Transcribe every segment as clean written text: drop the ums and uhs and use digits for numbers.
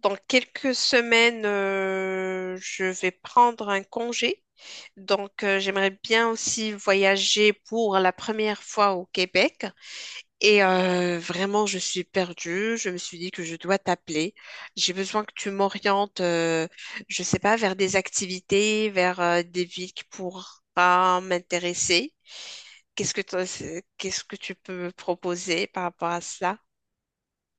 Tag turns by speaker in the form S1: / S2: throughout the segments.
S1: Dans quelques semaines, je vais prendre un congé. Donc, j'aimerais bien aussi voyager pour la première fois au Québec. Et vraiment, je suis perdue. Je me suis dit que je dois t'appeler. J'ai besoin que tu m'orientes, je sais pas, vers des activités, vers des villes qui pourraient m'intéresser. Qu'est-ce que t'en- qu'est-ce que tu peux me proposer par rapport à cela?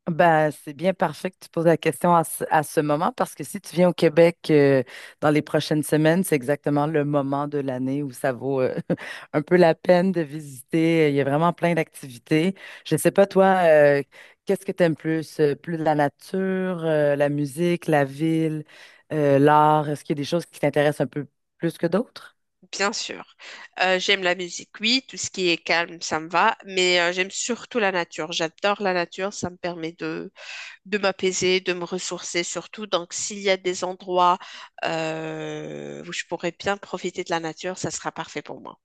S2: Ben, c'est bien parfait que tu poses la question à ce moment parce que si tu viens au Québec, dans les prochaines semaines, c'est exactement le moment de l'année où ça vaut un peu la peine de visiter. Il y a vraiment plein d'activités. Je ne sais pas, toi, qu'est-ce que tu aimes plus? Plus la nature, la musique, la ville, l'art? Est-ce qu'il y a des choses qui t'intéressent un peu plus que d'autres?
S1: Bien sûr. J'aime la musique, oui, tout ce qui est calme, ça me va, mais j'aime surtout la nature. J'adore la nature, ça me permet de m'apaiser, de me ressourcer surtout. Donc, s'il y a des endroits où je pourrais bien profiter de la nature, ça sera parfait pour moi.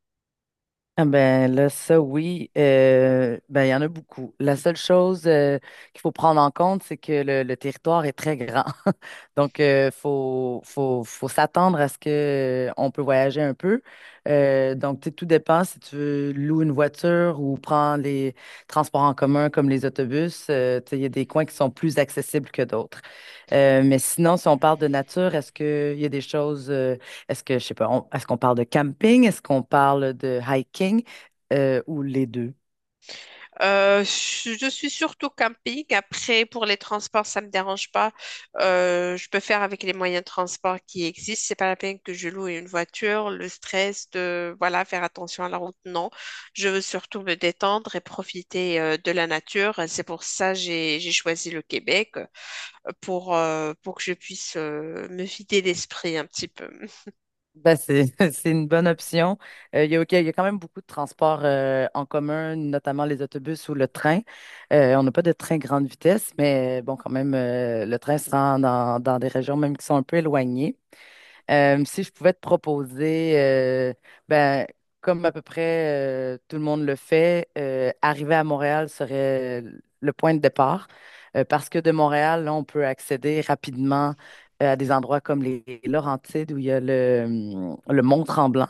S2: Ah ben là, ça oui, ben il y en a beaucoup. La seule chose qu'il faut prendre en compte, c'est que le territoire est très grand. Donc, faut s'attendre à ce que on peut voyager un peu. Donc, tu sais, tout dépend si tu veux louer une voiture ou prendre les transports en commun comme les autobus. Tu sais, il y a des coins qui sont plus accessibles que d'autres. Mais sinon, si on parle de nature, est-ce qu'il y a des choses, est-ce que, je sais pas, est-ce qu'on parle de camping? Est-ce qu'on parle de hiking? Ou les deux?
S1: Je suis surtout camping. Après, pour les transports, ça me dérange pas. Je peux faire avec les moyens de transport qui existent. C'est pas la peine que je loue une voiture. Le stress de, voilà, faire attention à la route, non. Je veux surtout me détendre et profiter de la nature. C'est pour ça que j'ai choisi le Québec pour que je puisse me vider l'esprit un petit peu.
S2: Ben, c'est une bonne option. Il y a quand même beaucoup de transports en commun, notamment les autobus ou le train. On n'a pas de train grande vitesse, mais bon, quand même, le train se rend dans des régions même qui sont un peu éloignées. Si je pouvais te proposer, ben, comme à peu près tout le monde le fait, arriver à Montréal serait le point de départ. Parce que de Montréal, là, on peut accéder rapidement à des endroits comme les Laurentides, où il y a le Mont Tremblant,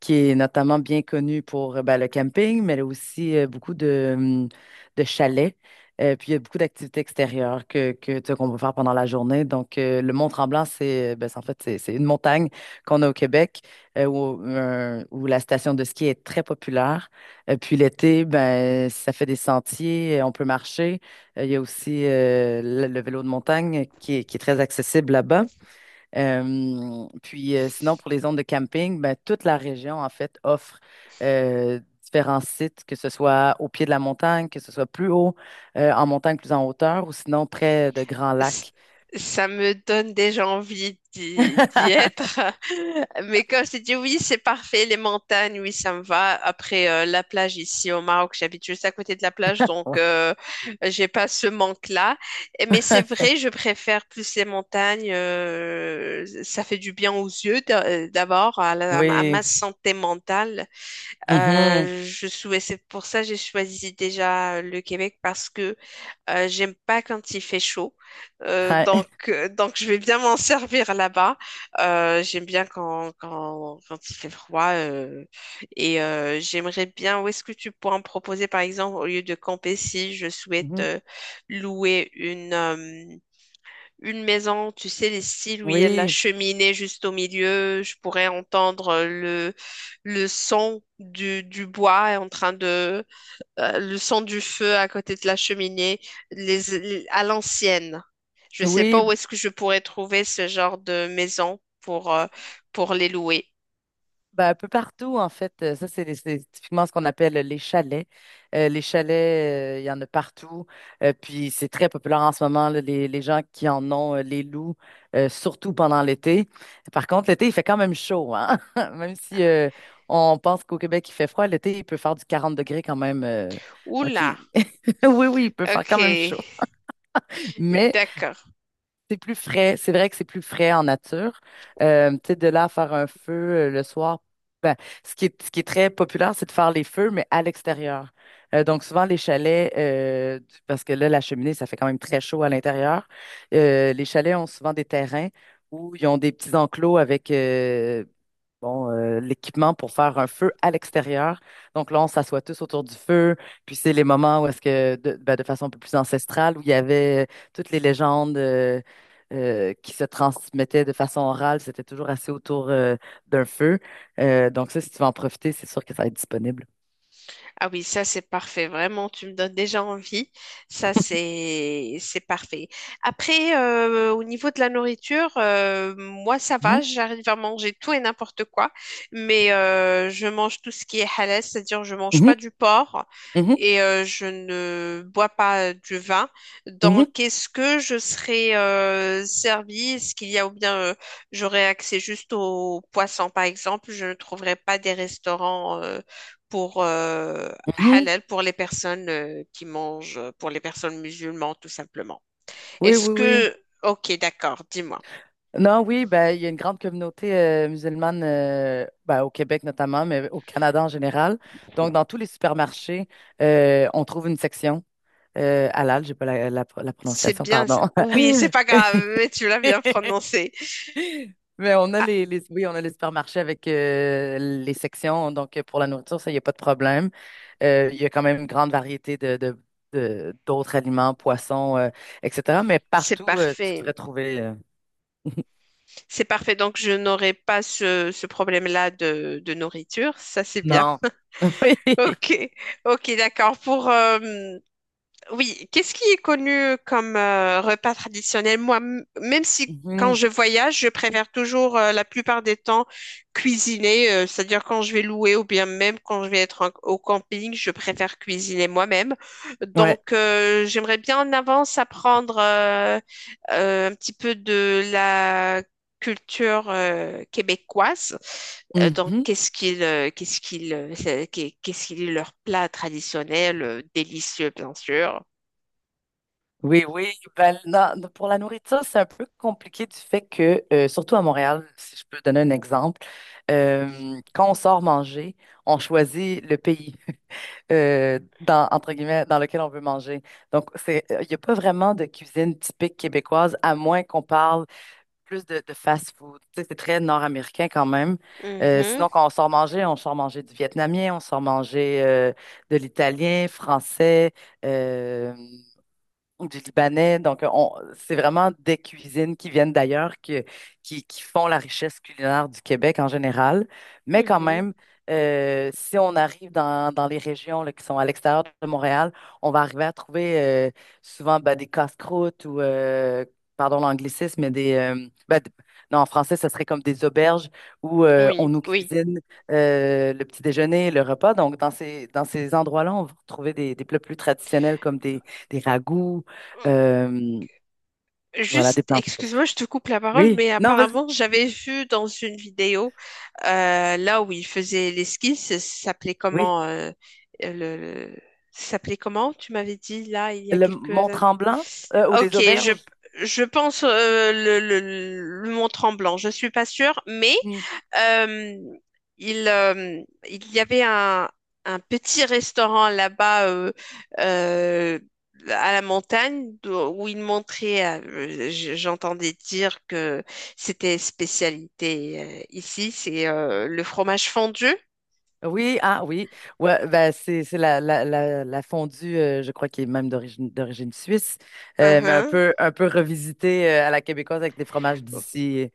S2: qui est notamment bien connu pour ben, le camping, mais aussi beaucoup de chalets. Puis il y a beaucoup d'activités extérieures que, tu sais, qu'on peut faire pendant la journée. Donc, le Mont-Tremblant, c'est, ben, en fait, c'est une montagne qu'on a au Québec, où la station de ski est très populaire. Puis l'été, ben, ça fait des sentiers, on peut marcher. Il y a aussi, le vélo de montagne qui est très accessible là-bas. Puis sinon, pour les zones de camping, ben, toute la région, en fait, offre différents sites, que ce soit au pied de la montagne, que ce soit plus haut, en montagne, plus en hauteur, ou sinon près de grands
S1: c-
S2: lacs.
S1: Ça me donne déjà envie d'y être. Mais quand je t'ai dit oui, c'est parfait, les montagnes, oui, ça me va. Après, la plage ici au Maroc, j'habite juste à côté de la plage, donc
S2: Ouais.
S1: euh, j'ai pas ce manque-là. Mais c'est vrai, je préfère plus les montagnes. Ça fait du bien aux yeux d'abord, à
S2: Oui.
S1: ma santé mentale.
S2: Mhm.
S1: Je souhaitais, c'est pour ça que j'ai choisi déjà le Québec parce que j'aime pas quand il fait chaud. Euh,
S2: Hi.
S1: donc, euh, donc, je vais bien m'en servir là-bas. J'aime bien quand il fait froid. Et j'aimerais bien, où est-ce que tu pourras me proposer, par exemple, au lieu de camper, si je souhaite
S2: Mhm.
S1: louer une maison, tu sais, les styles où il y a la
S2: Oui.
S1: cheminée juste au milieu, je pourrais entendre le son du bois en train de le son du feu à côté de la cheminée, à l'ancienne. Je ne sais
S2: Oui,
S1: pas où est-ce que je pourrais trouver ce genre de maison pour les louer.
S2: ben, un peu partout, en fait. Ça, c'est typiquement ce qu'on appelle les chalets. Les chalets, il y en a partout. Puis, c'est très populaire en ce moment, là, les gens qui en ont, les loups, surtout pendant l'été. Par contre, l'été, il fait quand même chaud, hein? Même si, on pense qu'au Québec, il fait froid, l'été, il peut faire du 40 degrés quand même. Donc,
S1: Oula,
S2: oui, oui, il peut faire quand même
S1: ok,
S2: chaud. Mais
S1: d'accord.
S2: c'est plus frais, c'est vrai que c'est plus frais en nature. Tu sais, de là à faire un feu, le soir, ben, ce qui est très populaire, c'est de faire les feux, mais à l'extérieur. Donc souvent les chalets, parce que là, la cheminée, ça fait quand même très chaud à l'intérieur. Les chalets ont souvent des terrains où ils ont des petits enclos avec, bon, l'équipement pour faire un feu à l'extérieur. Donc là, on s'assoit tous autour du feu. Puis c'est les moments où est-ce que, de, ben, de façon un peu plus ancestrale, où il y avait, toutes les légendes qui se transmettaient de façon orale. C'était toujours assez autour, d'un feu. Donc ça, si tu veux en profiter, c'est sûr que ça va être disponible.
S1: Ah oui, ça c'est parfait, vraiment, tu me donnes déjà envie. Ça c'est parfait. Après, au niveau de la nourriture, moi ça va,
S2: Mhm,
S1: j'arrive à manger tout et n'importe quoi, mais je mange tout ce qui est halal, c'est-à-dire je mange pas
S2: mhm,
S1: du porc
S2: mhm,
S1: et je ne bois pas du vin.
S2: mhm,
S1: Donc, est-ce que je serai servie? Est-ce qu'il y a ou bien j'aurai accès juste aux poissons, par exemple? Je ne trouverai pas des restaurants. Pour
S2: mhm.
S1: halal pour les personnes qui mangent, pour les personnes musulmanes, tout simplement.
S2: Oui,
S1: Est-ce
S2: oui, oui.
S1: que, ok, d'accord, dis-moi.
S2: Non, oui, ben, il y a une grande communauté musulmane, ben, au Québec notamment, mais au Canada en général. Donc, dans tous les supermarchés, on trouve une section. Halal, j'ai pas la
S1: C'est
S2: prononciation,
S1: bien, ça.
S2: pardon.
S1: Oui, c'est pas grave, mais tu l'as bien prononcé.
S2: Mais on a
S1: Ah,
S2: oui, on a les supermarchés avec, les sections. Donc, pour la nourriture, ça, il n'y a pas de problème. Il y a quand même une grande variété d'autres aliments, poissons, etc. Mais
S1: c'est
S2: partout, tu devrais
S1: parfait,
S2: trouver.
S1: c'est parfait. Donc, je n'aurai pas ce problème-là de nourriture, ça c'est bien.
S2: Non. Oui.
S1: Ok, ok, d'accord. Pour, oui, qu'est-ce qui est connu comme repas traditionnel? Moi, même si quand
S2: Mhm.
S1: je voyage, je préfère toujours la plupart des temps cuisiner, c'est-à-dire quand je vais louer ou bien même quand je vais être au camping, je préfère cuisiner moi-même.
S2: Ouais.
S1: Donc, j'aimerais bien en avance apprendre un petit peu de la culture québécoise. Donc,
S2: Mhm.
S1: qu'est-ce qu'ils leur plat traditionnel, délicieux bien sûr.
S2: Oui, oui. Ben, pour la nourriture, c'est un peu compliqué du fait que, surtout à Montréal, si je peux donner un exemple, Quand on sort manger, on choisit le pays, dans, entre guillemets, dans lequel on veut manger. Donc, il n'y a pas vraiment de cuisine typique québécoise, à moins qu'on parle plus de fast-food. Tu sais, c'est très nord-américain quand même. Euh,
S1: Mhm,
S2: sinon, quand on sort manger du vietnamien, on sort manger, de l'italien, français, euh, du Libanais. Donc, c'est vraiment des cuisines qui viennent d'ailleurs, qui font la richesse culinaire du Québec en général. Mais quand
S1: mhm.
S2: même, si on arrive dans les régions là, qui sont à l'extérieur de Montréal, on va arriver à trouver, euh, souvent ben, des casse-croûtes ou, pardon l'anglicisme, mais ben, d- non, en français, ce serait comme des auberges où, on
S1: Oui,
S2: nous
S1: oui.
S2: cuisine, le petit déjeuner, le repas. Donc, dans ces endroits-là, on va retrouver des plats plus traditionnels comme des ragoûts,
S1: Hum,
S2: euh, voilà, des
S1: juste,
S2: pleins fours.
S1: excuse-moi, je te coupe la parole,
S2: Oui,
S1: mais
S2: non, vas-y.
S1: apparemment, j'avais vu dans une vidéo, là où il faisait l'esquisse, ça s'appelait
S2: Oui,
S1: comment, euh, le, le- ça s'appelait comment, tu m'avais dit, là, il y a
S2: le
S1: quelques...
S2: Mont-Tremblant, ou les
S1: Ok,
S2: auberges.
S1: je pense le Mont-Tremblant, je suis pas sûre, mais
S2: Hmm.
S1: Euh, il, euh, il y avait un petit restaurant là-bas euh, à la montagne où il montrait, j'entendais dire que c'était spécialité ici, c'est le fromage fondu.
S2: Oui, ah oui. Ouais, ben, c'est la fondue, je crois, qui est même d'origine suisse, mais
S1: Mhm.
S2: un peu revisitée à la québécoise avec des fromages d'ici.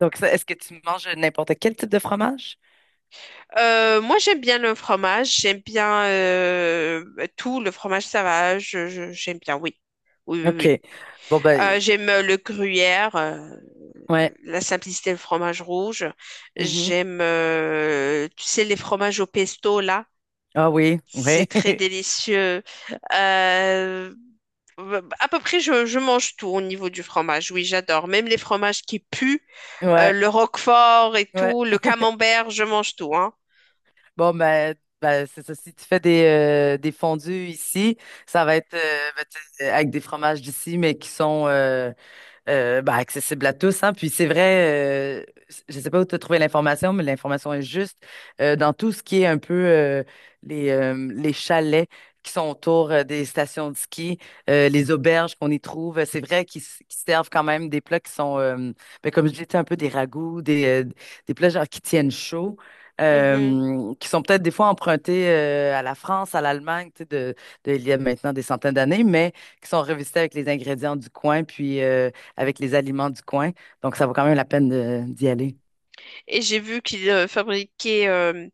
S2: Donc, ça, est-ce que tu manges n'importe quel type de fromage?
S1: Moi, j'aime bien le fromage, j'aime bien tout, le fromage, ça va, j'aime bien, oui. Oui, oui, oui.
S2: OK. Bon, ben,
S1: J'aime le gruyère,
S2: ouais.
S1: la simplicité, le fromage rouge.
S2: Mhm.
S1: J'aime, tu sais, les fromages au pesto, là.
S2: Ah oui,
S1: C'est
S2: oui.
S1: très délicieux. Euh, à peu près, je mange tout au niveau du fromage. Oui, j'adore. Même les fromages qui puent,
S2: Ouais,
S1: le roquefort et
S2: ouais.
S1: tout, le camembert, je mange tout, hein.
S2: Bon, ben c'est ça. Si tu fais des fondus ici, ça va être, ben, tu sais, avec des fromages d'ici, mais qui sont, bah, accessible à tous, hein. Puis c'est vrai, je sais pas où tu as trouvé l'information, mais l'information est juste, dans tout ce qui est un peu, les chalets qui sont autour, des stations de ski, les auberges qu'on y trouve. C'est vrai qu'ils qu'ils servent quand même des plats qui sont, ben, comme je disais, un peu des ragoûts, des plats genre qui tiennent chaud,
S1: Mhm.
S2: qui sont peut-être des fois empruntés, à la France, à l'Allemagne, tu sais, il y a maintenant des centaines d'années, mais qui sont revisités avec les ingrédients du coin, puis, avec les aliments du coin. Donc, ça vaut quand même la peine d'y aller.
S1: Et j'ai vu qu'ils fabriquaient,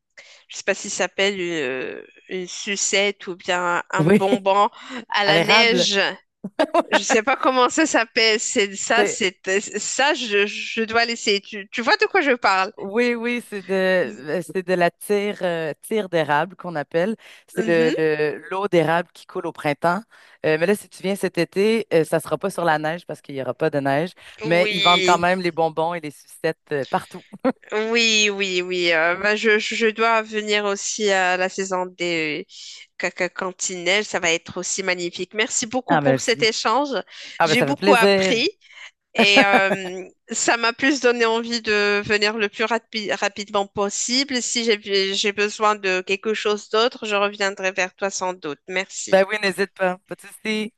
S1: je sais pas si ça s'appelle une sucette ou bien un
S2: Oui,
S1: bonbon à
S2: à
S1: la
S2: l'érable.
S1: neige. Je sais pas comment ça s'appelle. C'est ça,
S2: C'est-
S1: c'est ça. Je dois laisser. Tu vois de quoi je parle?
S2: Oui, oui, c'est de la tire d'érable qu'on appelle. C'est
S1: Mhm.
S2: l'eau d'érable qui coule au printemps. Mais là, si tu viens cet été, ça sera pas sur la neige parce qu'il y aura pas de neige. Mais ils vendent quand
S1: Oui,
S2: même les bonbons et les sucettes, partout.
S1: oui, oui, oui. Bah, je dois venir aussi à la saison des caca cantinelles. Ça va être aussi magnifique. Merci beaucoup
S2: Ah ben,
S1: pour cet
S2: si.
S1: échange.
S2: Ah ben,
S1: J'ai
S2: ça fait
S1: beaucoup
S2: plaisir.
S1: appris et ça m'a plus donné envie de venir le plus rapidement possible. Si j'ai besoin de quelque chose d'autre, je reviendrai vers toi sans doute. Merci.
S2: Ben oui, n'hésite pas. Pas de souci.